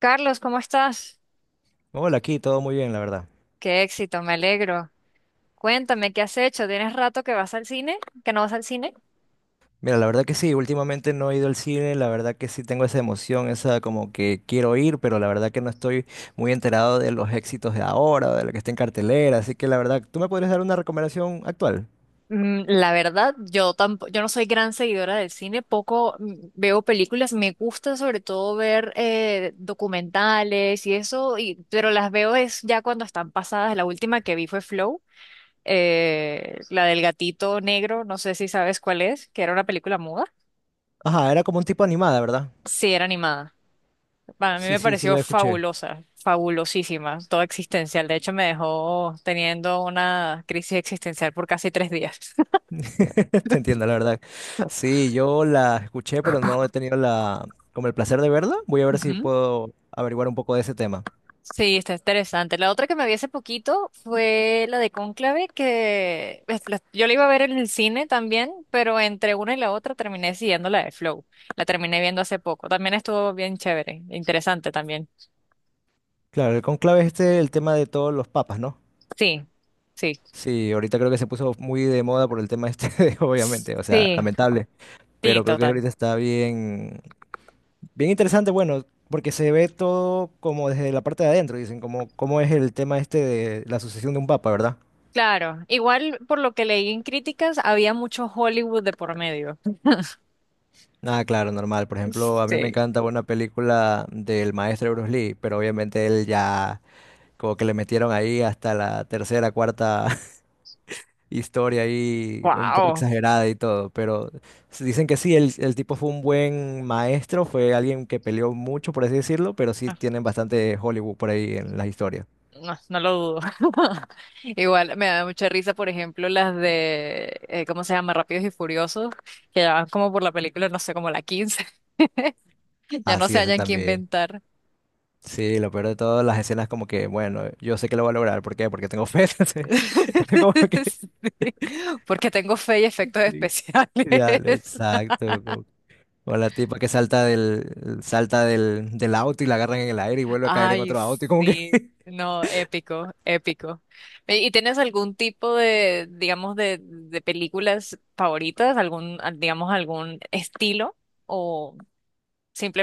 Carlos, ¿cómo estás? Hola, aquí todo muy bien, la verdad. Qué éxito, me alegro. Cuéntame, ¿qué has hecho? ¿Tienes rato que vas al cine? ¿Que no vas al cine? Mira, la verdad que sí, últimamente no he ido al cine, la verdad que sí tengo esa emoción, esa como que quiero ir, pero la verdad que no estoy muy enterado de los éxitos de ahora, de lo que está en cartelera, así que la verdad, ¿tú me podrías dar una recomendación actual? Mm, la verdad, yo tampoco, yo no soy gran seguidora del cine, poco, veo películas, me gusta sobre todo ver documentales y eso, y pero las veo es ya cuando están pasadas. La última que vi fue Flow, la del gatito negro, no sé si sabes cuál es, que era una película muda. Ajá, era como un tipo animada, ¿verdad? Sí, era animada. Bueno, a mí Sí, me sí, sí pareció la escuché. fabulosa, fabulosísima, toda existencial. De hecho, me dejó teniendo una crisis existencial por casi 3 días. Te entiendo, la verdad. Sí, yo la escuché, pero no he tenido la como el placer de verla. Voy a ver si Ujú. puedo averiguar un poco de ese tema. Sí, está interesante. La otra que me vi hace poquito fue la de Cónclave, yo la iba a ver en el cine también, pero entre una y la otra terminé siguiendo la de Flow. La terminé viendo hace poco. También estuvo bien chévere, interesante también. Claro, el conclave es este, el tema de todos los papas, ¿no? Sí, sí, Sí, ahorita creo que se puso muy de moda por el tema este, obviamente, o sea, sí, lamentable, sí, pero creo que total. ahorita está bien, bien interesante, bueno, porque se ve todo como desde la parte de adentro, dicen, como cómo es el tema este de la sucesión de un papa, ¿verdad? Claro, igual por lo que leí en críticas, había mucho Hollywood de por medio. Ah, claro, normal. Por ejemplo, a mí me Sí, encanta una película del maestro Bruce Lee, pero obviamente él ya como que le metieron ahí hasta la tercera, cuarta historia ahí un poco wow. exagerada y todo, pero dicen que sí, el tipo fue un buen maestro, fue alguien que peleó mucho, por así decirlo, pero sí tienen bastante Hollywood por ahí en las historias. No, no lo dudo. Igual me da mucha risa, por ejemplo, las de, ¿cómo se llama? Rápidos y Furiosos, que ya van como por la película, no sé, como la 15, ya no Así se eso hayan que también. inventar. Sí, lo peor de todo, las escenas como que, bueno, yo sé que lo voy a lograr, ¿por qué? Porque tengo fe. Entonces... Como que... Sí, porque tengo fe y efectos Sí. Ya, especiales. exacto. O la tipa que salta salta del auto y la agarran en el aire y vuelve a caer en Ay, otro auto y como que... sí, no, épico, épico. ¿Y tienes algún tipo de, digamos, de películas favoritas, digamos, algún estilo o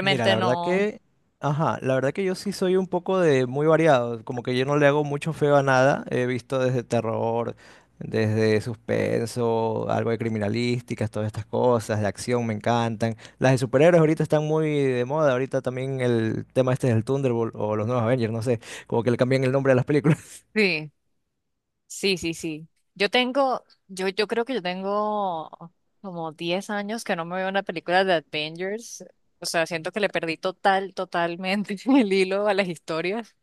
Mira, la verdad no? que, ajá, la verdad que yo sí soy un poco de muy variado, como que yo no le hago mucho feo a nada, he visto desde terror, desde suspenso, algo de criminalísticas, todas estas cosas, de acción me encantan. Las de superhéroes ahorita están muy de moda, ahorita también el tema este del Thunderbolt o los nuevos Avengers, no sé, como que le cambian el nombre a las películas. Sí, sí, sí, sí. Yo creo que yo tengo como 10 años que no me veo una película de Avengers. O sea, siento que le perdí totalmente el hilo a las historias.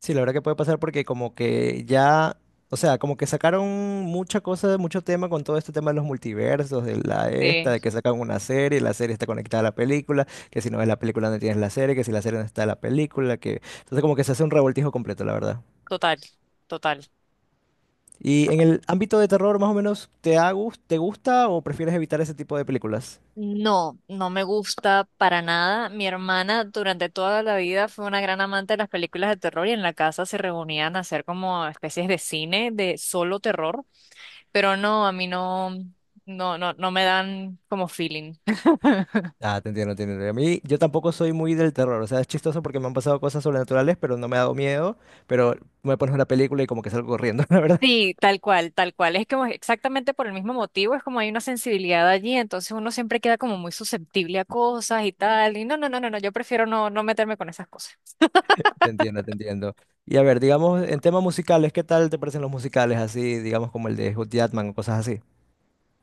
Sí, la verdad que puede pasar porque como que ya, o sea, como que sacaron mucha cosa, mucho tema con todo este tema de los multiversos, de la esta, Sí, de que sacan una serie, la serie está conectada a la película, que si no ves la película no tienes la serie, que si la serie no está en la película, que entonces como que se hace un revoltijo completo, la verdad. total, total. Y en el ámbito de terror, más o menos, te gusta o prefieres evitar ese tipo de películas? No, no me gusta para nada. Mi hermana durante toda la vida fue una gran amante de las películas de terror y en la casa se reunían a hacer como especies de cine de solo terror, pero no, a mí no, no, no, no me dan como feeling. Ah, te entiendo, te entiendo. A mí, yo tampoco soy muy del terror, o sea, es chistoso porque me han pasado cosas sobrenaturales, pero no me ha dado miedo, pero me pones una película y como que salgo corriendo, la verdad. Sí, tal cual, tal cual. Es como exactamente por el mismo motivo, es como hay una sensibilidad allí, entonces uno siempre queda como muy susceptible a cosas y tal. Y no, no, no, no, no, yo prefiero no, no meterme con esas cosas. Te entiendo, te entiendo. Y a ver, digamos, en temas musicales, ¿qué tal te parecen los musicales así, digamos, como el de Hugh Jackman o cosas así?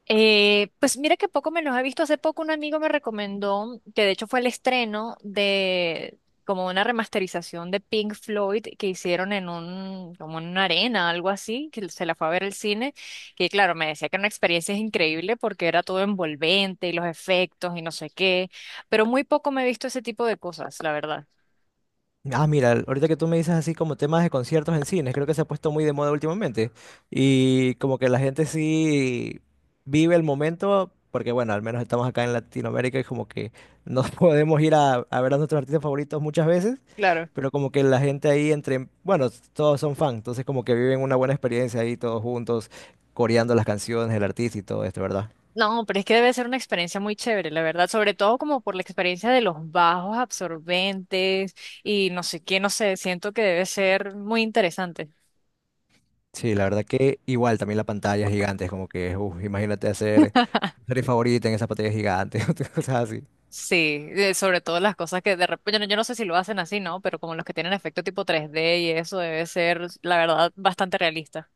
Pues mira que poco me los he visto. Hace poco un amigo me recomendó, que de hecho fue el estreno de como una remasterización de Pink Floyd que hicieron en un, como en una arena, algo así, que se la fue a ver el cine, que claro, me decía que era una experiencia increíble porque era todo envolvente y los efectos y no sé qué, pero muy poco me he visto ese tipo de cosas, la verdad. Ah, mira, ahorita que tú me dices así como temas de conciertos en cines, creo que se ha puesto muy de moda últimamente. Y como que la gente sí vive el momento, porque bueno, al menos estamos acá en Latinoamérica y como que no podemos ir a ver a nuestros artistas favoritos muchas veces, Claro. pero como que la gente ahí entre, bueno, todos son fans, entonces como que viven una buena experiencia ahí todos juntos, coreando las canciones, el artista y todo esto, ¿verdad? No, pero es que debe ser una experiencia muy chévere, la verdad, sobre todo como por la experiencia de los bajos absorbentes y no sé qué, no sé, siento que debe ser muy interesante. Sí, la verdad que igual también la pantalla es gigante, es como que, uf, imagínate hacer tu serie favorita en esa pantalla gigante, cosas así. Sí, sobre todo las cosas que de repente, yo no sé si lo hacen así, ¿no? Pero como los que tienen efecto tipo 3D y eso debe ser, la verdad, bastante realista.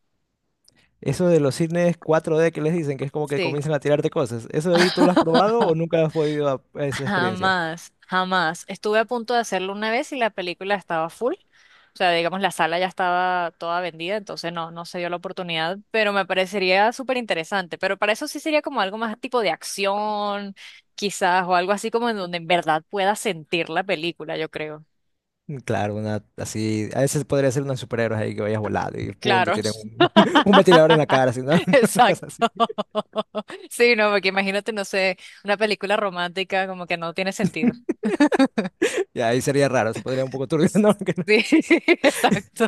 Eso de los cines 4D que les dicen, que es como que Sí. comienzan a tirarte cosas, ¿eso de ahí tú lo has probado o nunca has podido a esa experiencia? Jamás, jamás. Estuve a punto de hacerlo una vez y la película estaba full. O sea, digamos, la sala ya estaba toda vendida, entonces no, no se dio la oportunidad, pero me parecería súper interesante. Pero para eso sí sería como algo más tipo de acción, quizás, o algo así como en donde en verdad pueda sentir la película, yo creo. Claro, una así, a veces podría ser unos superhéroes ahí que vayas volando y pum, te Claro. tiran un, un ventilador en la cara, así, ¿no? Una cosa Exacto. así. Sí, no, porque imagínate, no sé, una película romántica como que no tiene sentido. Y ahí sería raro, se podría un poco turbio, Sí, ¿no? Que no. exacto.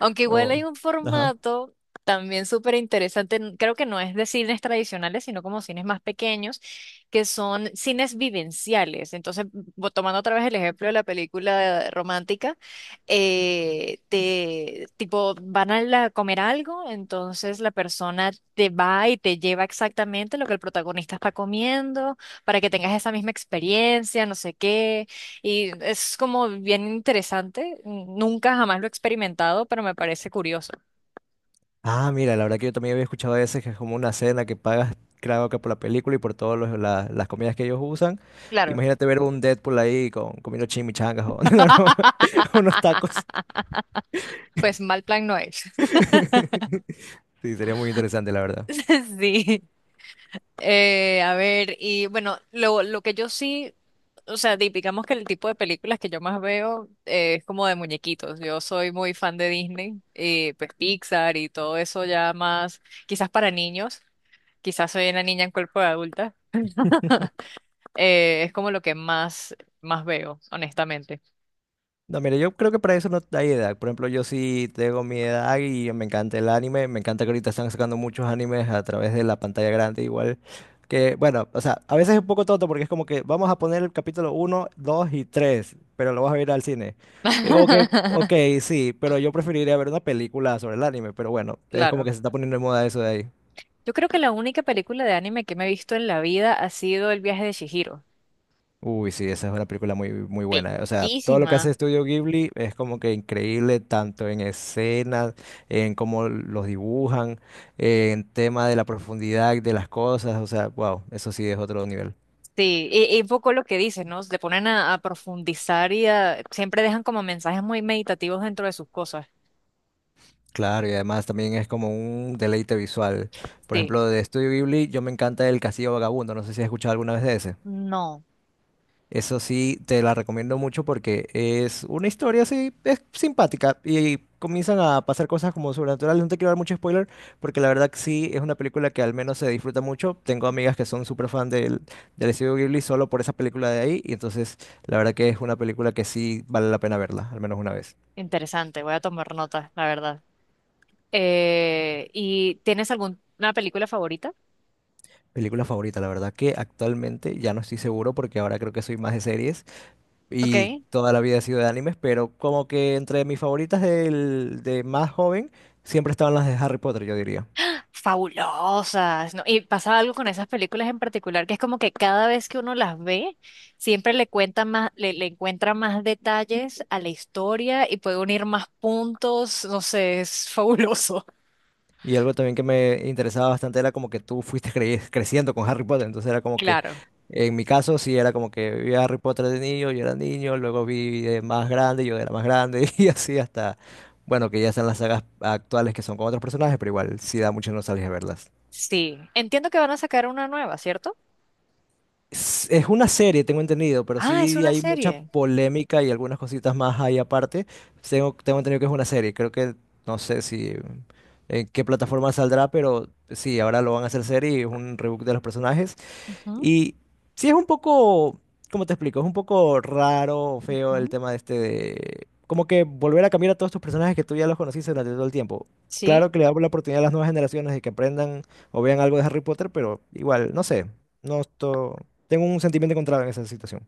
Aunque igual O- hay un ajá. formato también súper interesante, creo que no es de cines tradicionales, sino como cines más pequeños, que son cines vivenciales. Entonces, tomando otra vez el ejemplo de la película romántica, tipo, comer algo, entonces la persona te va y te lleva exactamente lo que el protagonista está comiendo, para que tengas esa misma experiencia, no sé qué. Y es como bien interesante. Nunca jamás lo he experimentado, pero me parece curioso. Ah, mira, la verdad que yo también había escuchado a veces que es como una cena que pagas, creo que por la película y por todas las comidas que ellos usan. Claro. Imagínate ver un Deadpool ahí con, comiendo chimichangas o no, no, unos tacos. Pues mal plan no es. Sí, sería muy interesante, la verdad. Sí. A ver, y bueno, lo que yo sí, o sea, digamos que el tipo de películas que yo más veo es como de muñequitos. Yo soy muy fan de Disney, pues Pixar y todo eso ya más, quizás para niños, quizás soy una niña en cuerpo de adulta. Eh, es como lo que más, más veo, honestamente. No, mire, yo creo que para eso no hay edad. Por ejemplo, yo sí tengo mi edad y me encanta el anime. Me encanta que ahorita están sacando muchos animes a través de la pantalla grande, igual que, bueno, o sea, a veces es un poco tonto porque es como que vamos a poner el capítulo uno, 2 y 3, pero lo vas a ver al cine. Y como que, ok, sí, pero yo preferiría ver una película sobre el anime, pero bueno, es como Claro. que se está poniendo de moda eso de ahí. Yo creo que la única película de anime que me he visto en la vida ha sido El viaje de Chihiro. Uy, sí, esa es una película muy, muy buena. O sea, todo lo que hace Bellísima. Estudio Ghibli es como que increíble, tanto en escenas, en cómo los dibujan, en tema de la profundidad de las cosas. O sea, wow, eso sí es otro nivel. Sí, y un poco lo que dices, ¿no? Le ponen a profundizar siempre dejan como mensajes muy meditativos dentro de sus cosas. Claro, y además también es como un deleite visual. Por Sí, ejemplo, de Estudio Ghibli, yo me encanta el Castillo Vagabundo. No sé si has escuchado alguna vez de ese. no, Eso sí, te la recomiendo mucho porque es una historia así, es simpática y comienzan a pasar cosas como sobrenaturales. No te quiero dar mucho spoiler porque la verdad que sí, es una película que al menos se disfruta mucho. Tengo amigas que son súper fan del estudio Ghibli solo por esa película de ahí y entonces la verdad que es una película que sí vale la pena verla, al menos una vez. interesante, voy a tomar nota, la verdad. ¿Y tienes alguna película favorita? Película favorita, la verdad que actualmente ya no estoy seguro porque ahora creo que soy más de series, y Ok. toda la vida he sido de animes, pero como que entre mis favoritas de más joven siempre estaban las de Harry Potter, yo diría. Fabulosas, ¿no? Y pasa algo con esas películas en particular, que es como que cada vez que uno las ve, siempre le cuenta más, le encuentra más detalles a la historia y puede unir más puntos, no sé, es fabuloso. Y algo también que me interesaba bastante era como que tú fuiste creciendo con Harry Potter, entonces era como que, Claro, en mi caso sí era como que vi a Harry Potter de niño, yo era niño, luego vi de más grande, yo era más grande, y así hasta, bueno, que ya están las sagas actuales que son con otros personajes, pero igual sí da mucha nostalgia verlas. sí. Entiendo que van a sacar una nueva, ¿cierto? Es una serie, tengo entendido, pero Ah, es sí una hay mucha serie. polémica y algunas cositas más ahí aparte. Tengo entendido que es una serie. Creo que no sé si en qué plataforma saldrá, pero sí, ahora lo van a hacer serie y es un reboot de los personajes. Ujú, Y sí es un poco, ¿cómo te explico? Es un poco raro, feo el ujú. tema de este de... Como que volver a cambiar a todos tus personajes que tú ya los conociste durante todo el tiempo. Sí. Claro que le damos la oportunidad a las nuevas generaciones de que aprendan o vean algo de Harry Potter, pero igual, no sé. No esto... Tengo un sentimiento encontrado en esa situación.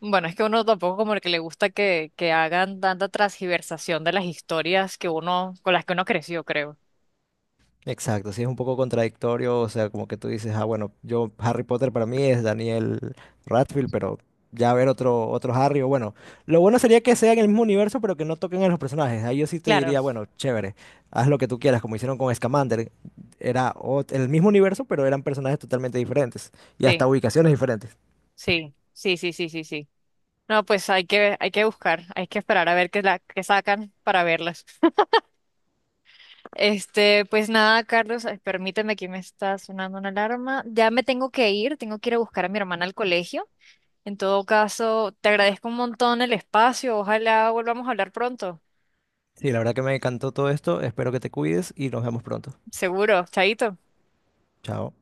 Bueno, es que uno tampoco como el que le gusta que hagan tanta transgiversación de las historias que uno, con las que uno creció, creo. Exacto, sí es un poco contradictorio, o sea, como que tú dices, ah, bueno, yo Harry Potter para mí es Daniel Radcliffe, pero ya ver otro Harry, o bueno, lo bueno sería que sea en el mismo universo, pero que no toquen a los personajes. Ahí yo sí te Claro, diría, bueno, chévere, haz lo que tú quieras, como hicieron con Scamander. Era el mismo universo, pero eran personajes totalmente diferentes y sí, hasta ubicaciones diferentes. sí, sí, sí, sí, sí, sí. No, pues hay que buscar, hay que esperar a ver qué, la, qué sacan para verlas. Este, pues nada, Carlos, permíteme que me está sonando una alarma. Ya me tengo que ir a buscar a mi hermana al colegio. En todo caso, te agradezco un montón el espacio, ojalá volvamos a hablar pronto. Sí, la verdad que me encantó todo esto, espero que te cuides y nos vemos pronto. Seguro, chaito. Chao.